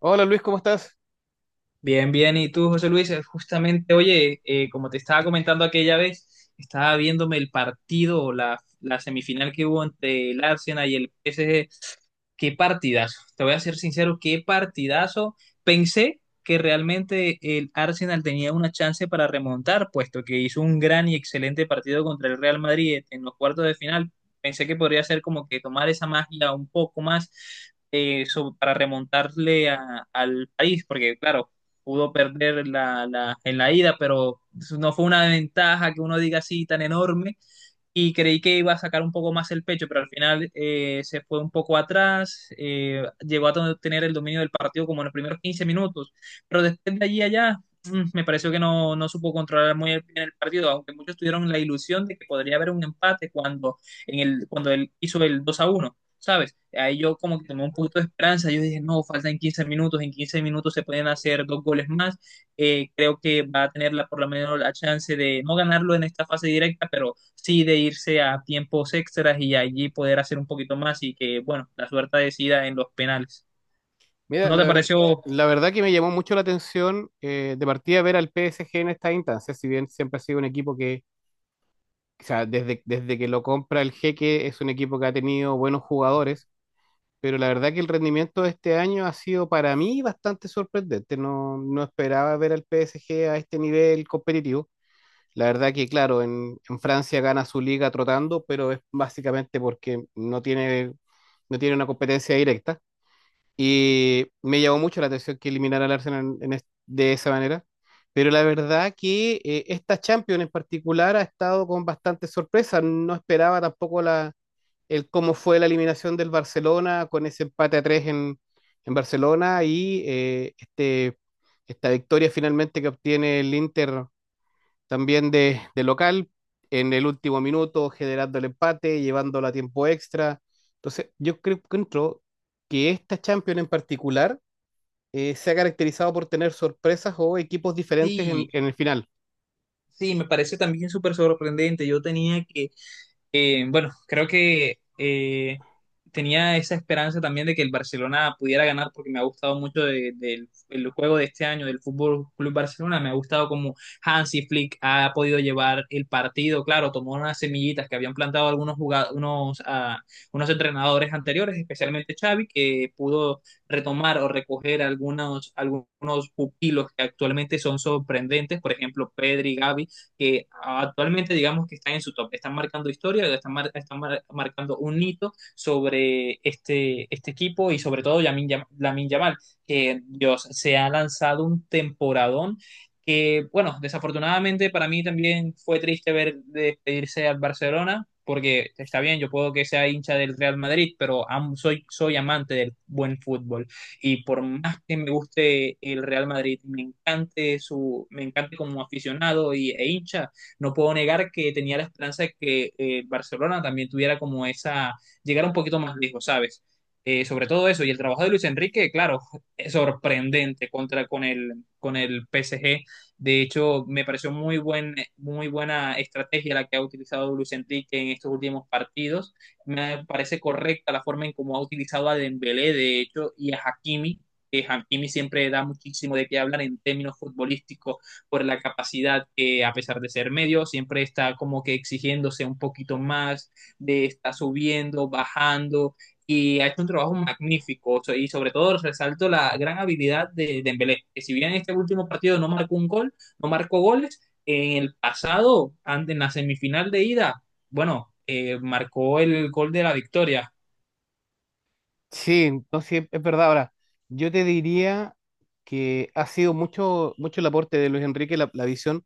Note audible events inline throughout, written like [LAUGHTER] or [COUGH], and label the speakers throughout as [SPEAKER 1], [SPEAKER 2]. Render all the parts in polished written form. [SPEAKER 1] Hola Luis, ¿cómo estás?
[SPEAKER 2] Bien, bien. ¿Y tú, José Luis? Justamente, oye, como te estaba comentando aquella vez, estaba viéndome el partido, o la semifinal que hubo entre el Arsenal y el PSG. Qué partidazo. Te voy a ser sincero, qué partidazo. Pensé que realmente el Arsenal tenía una chance para remontar, puesto que hizo un gran y excelente partido contra el Real Madrid en los cuartos de final. Pensé que podría ser como que tomar esa magia un poco más, para remontarle al país, porque claro, pudo perder en la ida, pero no fue una ventaja que uno diga así tan enorme, y creí que iba a sacar un poco más el pecho, pero al final, se fue un poco atrás. Llegó a tener el dominio del partido como en los primeros 15 minutos, pero después de allí allá, me pareció que no supo controlar muy bien el partido, aunque muchos tuvieron la ilusión de que podría haber un empate cuando, en el, cuando él hizo el 2 a uno. ¿Sabes? Ahí yo como que tomé un poquito de esperanza. Yo dije, no, faltan 15 minutos. En 15 minutos se pueden hacer dos goles más. Creo que va a tener la, por lo menos la chance de no ganarlo en esta fase directa, pero sí de irse a tiempos extras y allí poder hacer un poquito más y que, bueno, la suerte decida en los penales.
[SPEAKER 1] Mira,
[SPEAKER 2] ¿No te pareció?
[SPEAKER 1] la verdad que me llamó mucho la atención de partida ver al PSG en esta instancia, si bien siempre ha sido un equipo que, o sea, desde que lo compra el Jeque es un equipo que ha tenido buenos jugadores, pero la verdad que el rendimiento de este año ha sido para mí bastante sorprendente. No, no esperaba ver al PSG a este nivel competitivo. La verdad que, claro, en Francia gana su liga trotando, pero es básicamente porque no tiene una competencia directa. Y me llamó mucho la atención que eliminara al Arsenal de esa manera. Pero la verdad que esta Champions en particular ha estado con bastante sorpresa. No esperaba tampoco el cómo fue la eliminación del Barcelona con ese empate a tres en Barcelona y esta victoria finalmente que obtiene el Inter también de local, en el último minuto generando el empate, llevándolo a tiempo extra. Entonces, yo creo que entró que esta Champions en particular se ha caracterizado por tener sorpresas o equipos diferentes
[SPEAKER 2] Sí,
[SPEAKER 1] en el final.
[SPEAKER 2] sí, me parece también súper sorprendente. Yo tenía que… bueno, creo que tenía esa esperanza también de que el Barcelona pudiera ganar porque me ha gustado mucho del el juego de este año del Fútbol Club Barcelona. Me ha gustado cómo Hansi Flick ha podido llevar el partido. Claro, tomó unas semillitas que habían plantado algunos unos entrenadores anteriores, especialmente Xavi, que pudo retomar o recoger algunos, algunos pupilos que actualmente son sorprendentes, por ejemplo, Pedri, Gavi, que actualmente digamos que están en su top, están marcando historia, están, marcando un hito sobre este, este equipo, y sobre todo Lamine Yamal, que Dios, se ha lanzado un temporadón que, bueno, desafortunadamente para mí también fue triste ver despedirse al Barcelona, porque está bien, yo puedo que sea hincha del Real Madrid, pero soy, soy amante del buen fútbol. Y por más que me guste el Real Madrid, me encante su, me encante como aficionado y, e hincha, no puedo negar que tenía la esperanza de que Barcelona también tuviera como esa, llegara un poquito más lejos, ¿sabes? Sobre todo eso, y el trabajo de Luis Enrique, claro, es sorprendente contra con el PSG. De hecho, me pareció muy buena estrategia la que ha utilizado Luis Enrique en estos últimos partidos. Me parece correcta la forma en cómo ha utilizado a Dembélé, de hecho, y a Hakimi, que Hakimi siempre da muchísimo de qué hablar en términos futbolísticos por la capacidad que a pesar de ser medio siempre está como que exigiéndose un poquito más, de está subiendo, bajando, y ha hecho un trabajo magnífico. Y sobre todo resalto la gran habilidad de Dembélé, que si bien en este último partido no marcó un gol, no marcó goles, en el pasado, en la semifinal de ida, bueno, marcó el gol de la victoria.
[SPEAKER 1] Sí, no, sí, es verdad. Ahora, yo te diría que ha sido mucho el aporte de Luis Enrique la visión,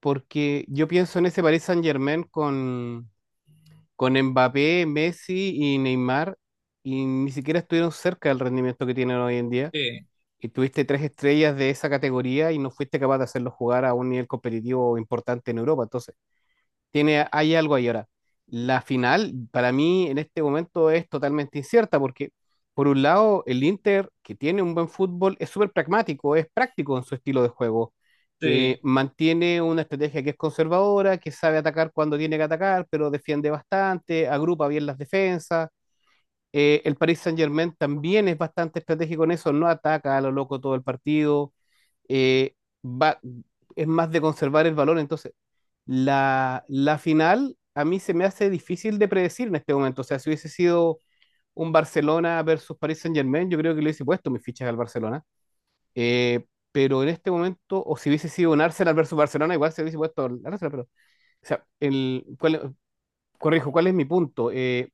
[SPEAKER 1] porque yo pienso en ese Paris Saint-Germain con Mbappé, Messi y Neymar, y ni siquiera estuvieron cerca del rendimiento que tienen hoy en día.
[SPEAKER 2] Sí,
[SPEAKER 1] Y tuviste tres estrellas de esa categoría y no fuiste capaz de hacerlos jugar a un nivel competitivo importante en Europa. Entonces, tiene, hay algo ahí ahora. La final, para mí, en este momento es totalmente incierta porque, por un lado, el Inter, que tiene un buen fútbol, es súper pragmático, es práctico en su estilo de juego.
[SPEAKER 2] sí,
[SPEAKER 1] Mantiene una estrategia que es conservadora, que sabe atacar cuando tiene que atacar, pero defiende bastante, agrupa bien las defensas, el Paris Saint-Germain también es bastante estratégico en eso, no ataca a lo loco todo el partido, eh, va, es más de conservar el valor. Entonces, la final a mí se me hace difícil de predecir en este momento. O sea, si hubiese sido un Barcelona versus Paris Saint-Germain, yo creo que le hubiese puesto mis fichas al Barcelona. Eh, pero en este momento, o si hubiese sido un Arsenal versus Barcelona, igual se hubiese puesto al Arsenal. Pero, o sea, ¿cuál es mi punto?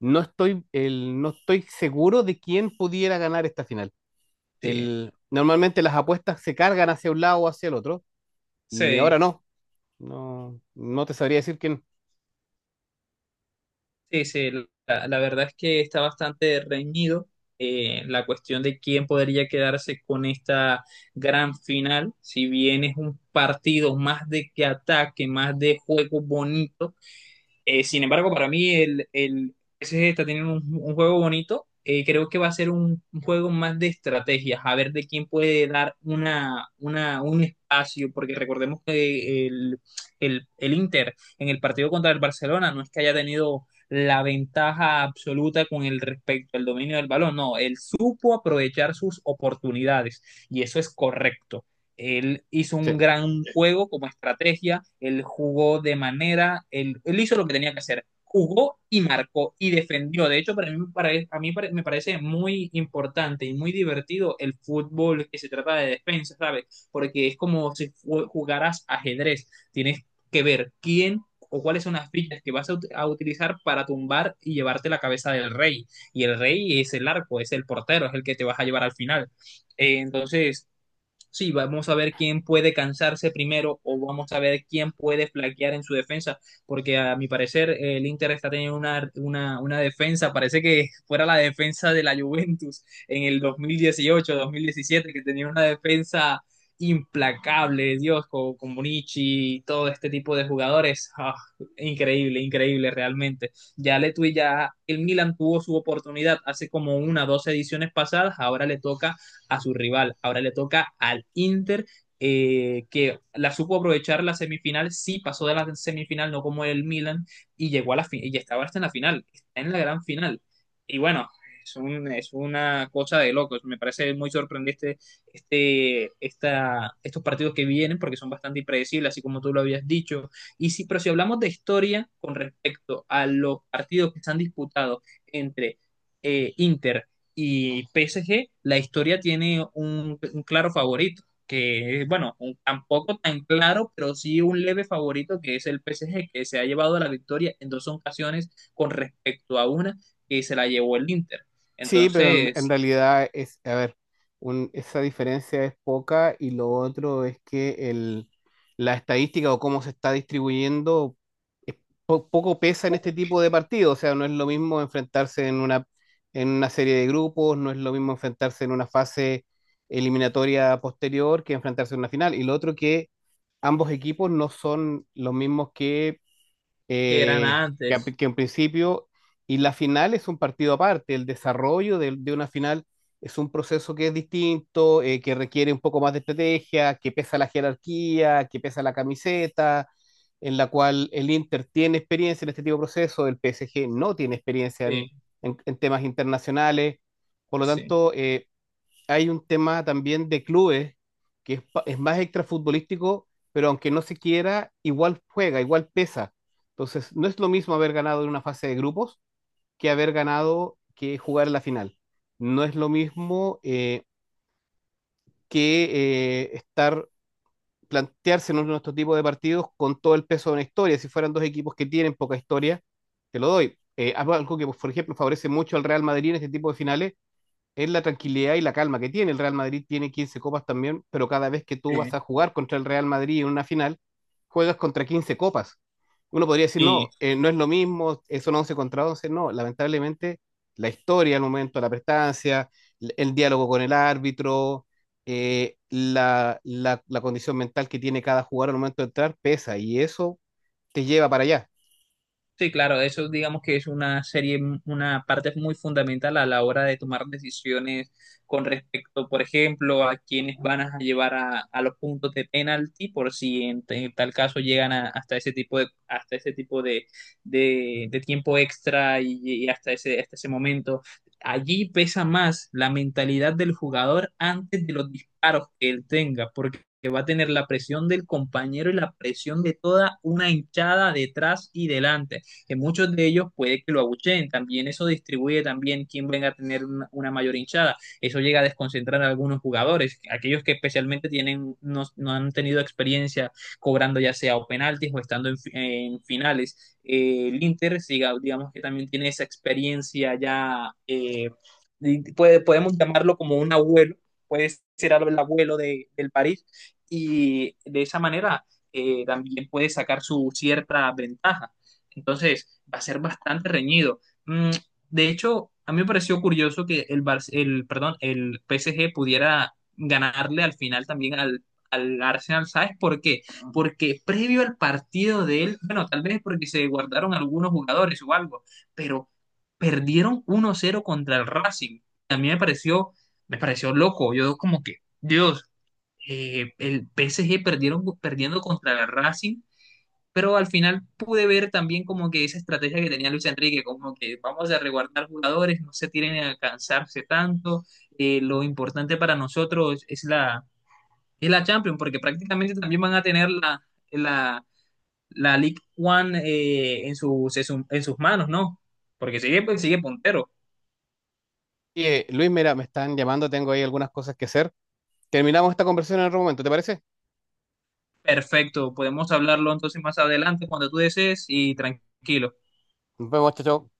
[SPEAKER 1] No estoy, no estoy seguro de quién pudiera ganar esta final.
[SPEAKER 2] sí,
[SPEAKER 1] El, normalmente las apuestas se cargan hacia un lado o hacia el otro, y ahora
[SPEAKER 2] sí,
[SPEAKER 1] no. No, no te sabría decir quién.
[SPEAKER 2] sí, sí. La verdad es que está bastante reñido, la cuestión de quién podría quedarse con esta gran final, si bien es un partido más de que ataque, más de juego bonito. Sin embargo, para mí el PSG está teniendo un juego bonito. Creo que va a ser un juego más de estrategias, a ver de quién puede dar una, un espacio, porque recordemos que el Inter en el partido contra el Barcelona no es que haya tenido la ventaja absoluta con el respecto al dominio del balón, no, él supo aprovechar sus oportunidades, y eso es correcto. Él hizo
[SPEAKER 1] Sí.
[SPEAKER 2] un gran juego como estrategia, él jugó de manera, él hizo lo que tenía que hacer, jugó y marcó y defendió. De hecho, para mí, para, a mí para, me parece muy importante y muy divertido el fútbol que se trata de defensa, ¿sabes? Porque es como si jugaras ajedrez, tienes que ver quién o cuáles son las fichas que vas a, utilizar para tumbar y llevarte la cabeza del rey. Y el rey es el arco, es el portero, es el que te vas a llevar al final. Eh, entonces, Sí, vamos a ver quién puede cansarse primero, o vamos a ver quién puede flaquear en su defensa, porque a mi parecer el Inter está teniendo una defensa, parece que [LAUGHS] fuera la defensa de la Juventus en el 2018-2017, que tenía una defensa implacable, Dios, con Bonici y todo este tipo de jugadores. Ah, increíble, increíble realmente. Ya ya el Milan tuvo su oportunidad hace como una, o dos ediciones pasadas, ahora le toca a su rival. Ahora le toca al Inter, que la supo aprovechar la semifinal, sí pasó de la semifinal, no como el Milan, y llegó a la final, y estaba hasta en la final, está en la gran final. Y bueno, es una cosa de locos, me parece muy sorprendente estos partidos que vienen, porque son bastante impredecibles, así como tú lo habías dicho. Y si, pero si hablamos de historia con respecto a los partidos que están disputados entre Inter y PSG, la historia tiene un claro favorito, que es, bueno, tampoco tan claro, pero sí un leve favorito, que es el PSG, que se ha llevado la victoria en dos ocasiones con respecto a una que se la llevó el Inter.
[SPEAKER 1] Sí, pero en
[SPEAKER 2] Entonces,
[SPEAKER 1] realidad es, a ver, un- esa diferencia es poca y lo otro es que la estadística o cómo se está distribuyendo es po- poco pesa en este tipo de partidos, o sea, no es lo mismo enfrentarse en una serie de grupos, no es lo mismo enfrentarse en una fase eliminatoria posterior que enfrentarse en una final. Y lo otro que ambos equipos no son los mismos que
[SPEAKER 2] eran
[SPEAKER 1] eh,
[SPEAKER 2] antes.
[SPEAKER 1] que en principio, y la final es un partido aparte, el desarrollo de una final es un proceso que es distinto, que requiere un poco más de estrategia, que pesa la jerarquía, que pesa la camiseta, en la cual el Inter tiene experiencia en este tipo de proceso el PSG no tiene experiencia
[SPEAKER 2] Sí,
[SPEAKER 1] en temas internacionales, por lo
[SPEAKER 2] sí,
[SPEAKER 1] tanto, hay un tema también de clubes que es, pa- es más extrafutbolístico, pero aunque no se quiera, igual juega, igual pesa. Entonces, no es lo mismo haber ganado en una fase de grupos que haber ganado que jugar en la final. No es lo mismo que estar, plantearse en nuestro tipo de partidos con todo el peso de una historia. Si fueran dos equipos que tienen poca historia, te lo doy. Algo que, por ejemplo, favorece mucho al Real Madrid en este tipo de finales es la tranquilidad y la calma que tiene. El Real Madrid tiene 15 copas también, pero cada vez que tú vas a
[SPEAKER 2] sí.
[SPEAKER 1] jugar contra el Real Madrid en una final, juegas contra 15 copas. Uno podría decir,
[SPEAKER 2] Sí.
[SPEAKER 1] no, no es lo mismo, son 11 contra 11. No, lamentablemente, la historia, el momento, la prestancia, el diálogo con el árbitro, la condición mental que tiene cada jugador al momento de entrar pesa y eso te lleva para allá.
[SPEAKER 2] Sí, claro, eso digamos que es una serie, una parte muy fundamental a la hora de tomar decisiones con respecto, por ejemplo, a quiénes van a llevar a los puntos de penalti, por si en, en tal caso hasta ese tipo de, hasta ese tipo de tiempo extra y hasta ese momento. Allí pesa más la mentalidad del jugador antes de los disparos que él tenga, porque que va a tener la presión del compañero y la presión de toda una hinchada detrás y delante, que muchos de ellos puede que lo abucheen, también eso distribuye también quién venga a tener una mayor hinchada, eso llega a desconcentrar a algunos jugadores, aquellos que especialmente tienen, no han tenido experiencia cobrando ya sea o penaltis o estando en finales. El Inter, siga, digamos que también tiene esa experiencia ya, puede, podemos llamarlo como un abuelo, puede ser el abuelo de, del París, y de esa manera, también puede sacar su cierta ventaja. Entonces, va a ser bastante reñido. Mm, de hecho, a mí me pareció curioso que perdón, el PSG pudiera ganarle al final también al, al Arsenal. ¿Sabes por qué? Porque previo al partido de él, bueno, tal vez porque se guardaron algunos jugadores o algo, pero perdieron 1-0 contra el Racing. A mí me pareció loco. Yo como que, Dios, el PSG perdieron, perdiendo contra el Racing, pero al final pude ver también como que esa estrategia que tenía Luis Enrique, como que vamos a reguardar jugadores, no se tienen a cansarse tanto. Lo importante para nosotros es la Champions, porque prácticamente también van a tener la, la League One, en sus, en sus manos, ¿no? Porque sigue, pues, sigue puntero.
[SPEAKER 1] Oye, Luis, mira, me están llamando, tengo ahí algunas cosas que hacer. Terminamos esta conversación en otro momento, ¿te parece?
[SPEAKER 2] Perfecto, podemos hablarlo entonces más adelante cuando tú desees y tranquilo.
[SPEAKER 1] Nos vemos, chao, chao.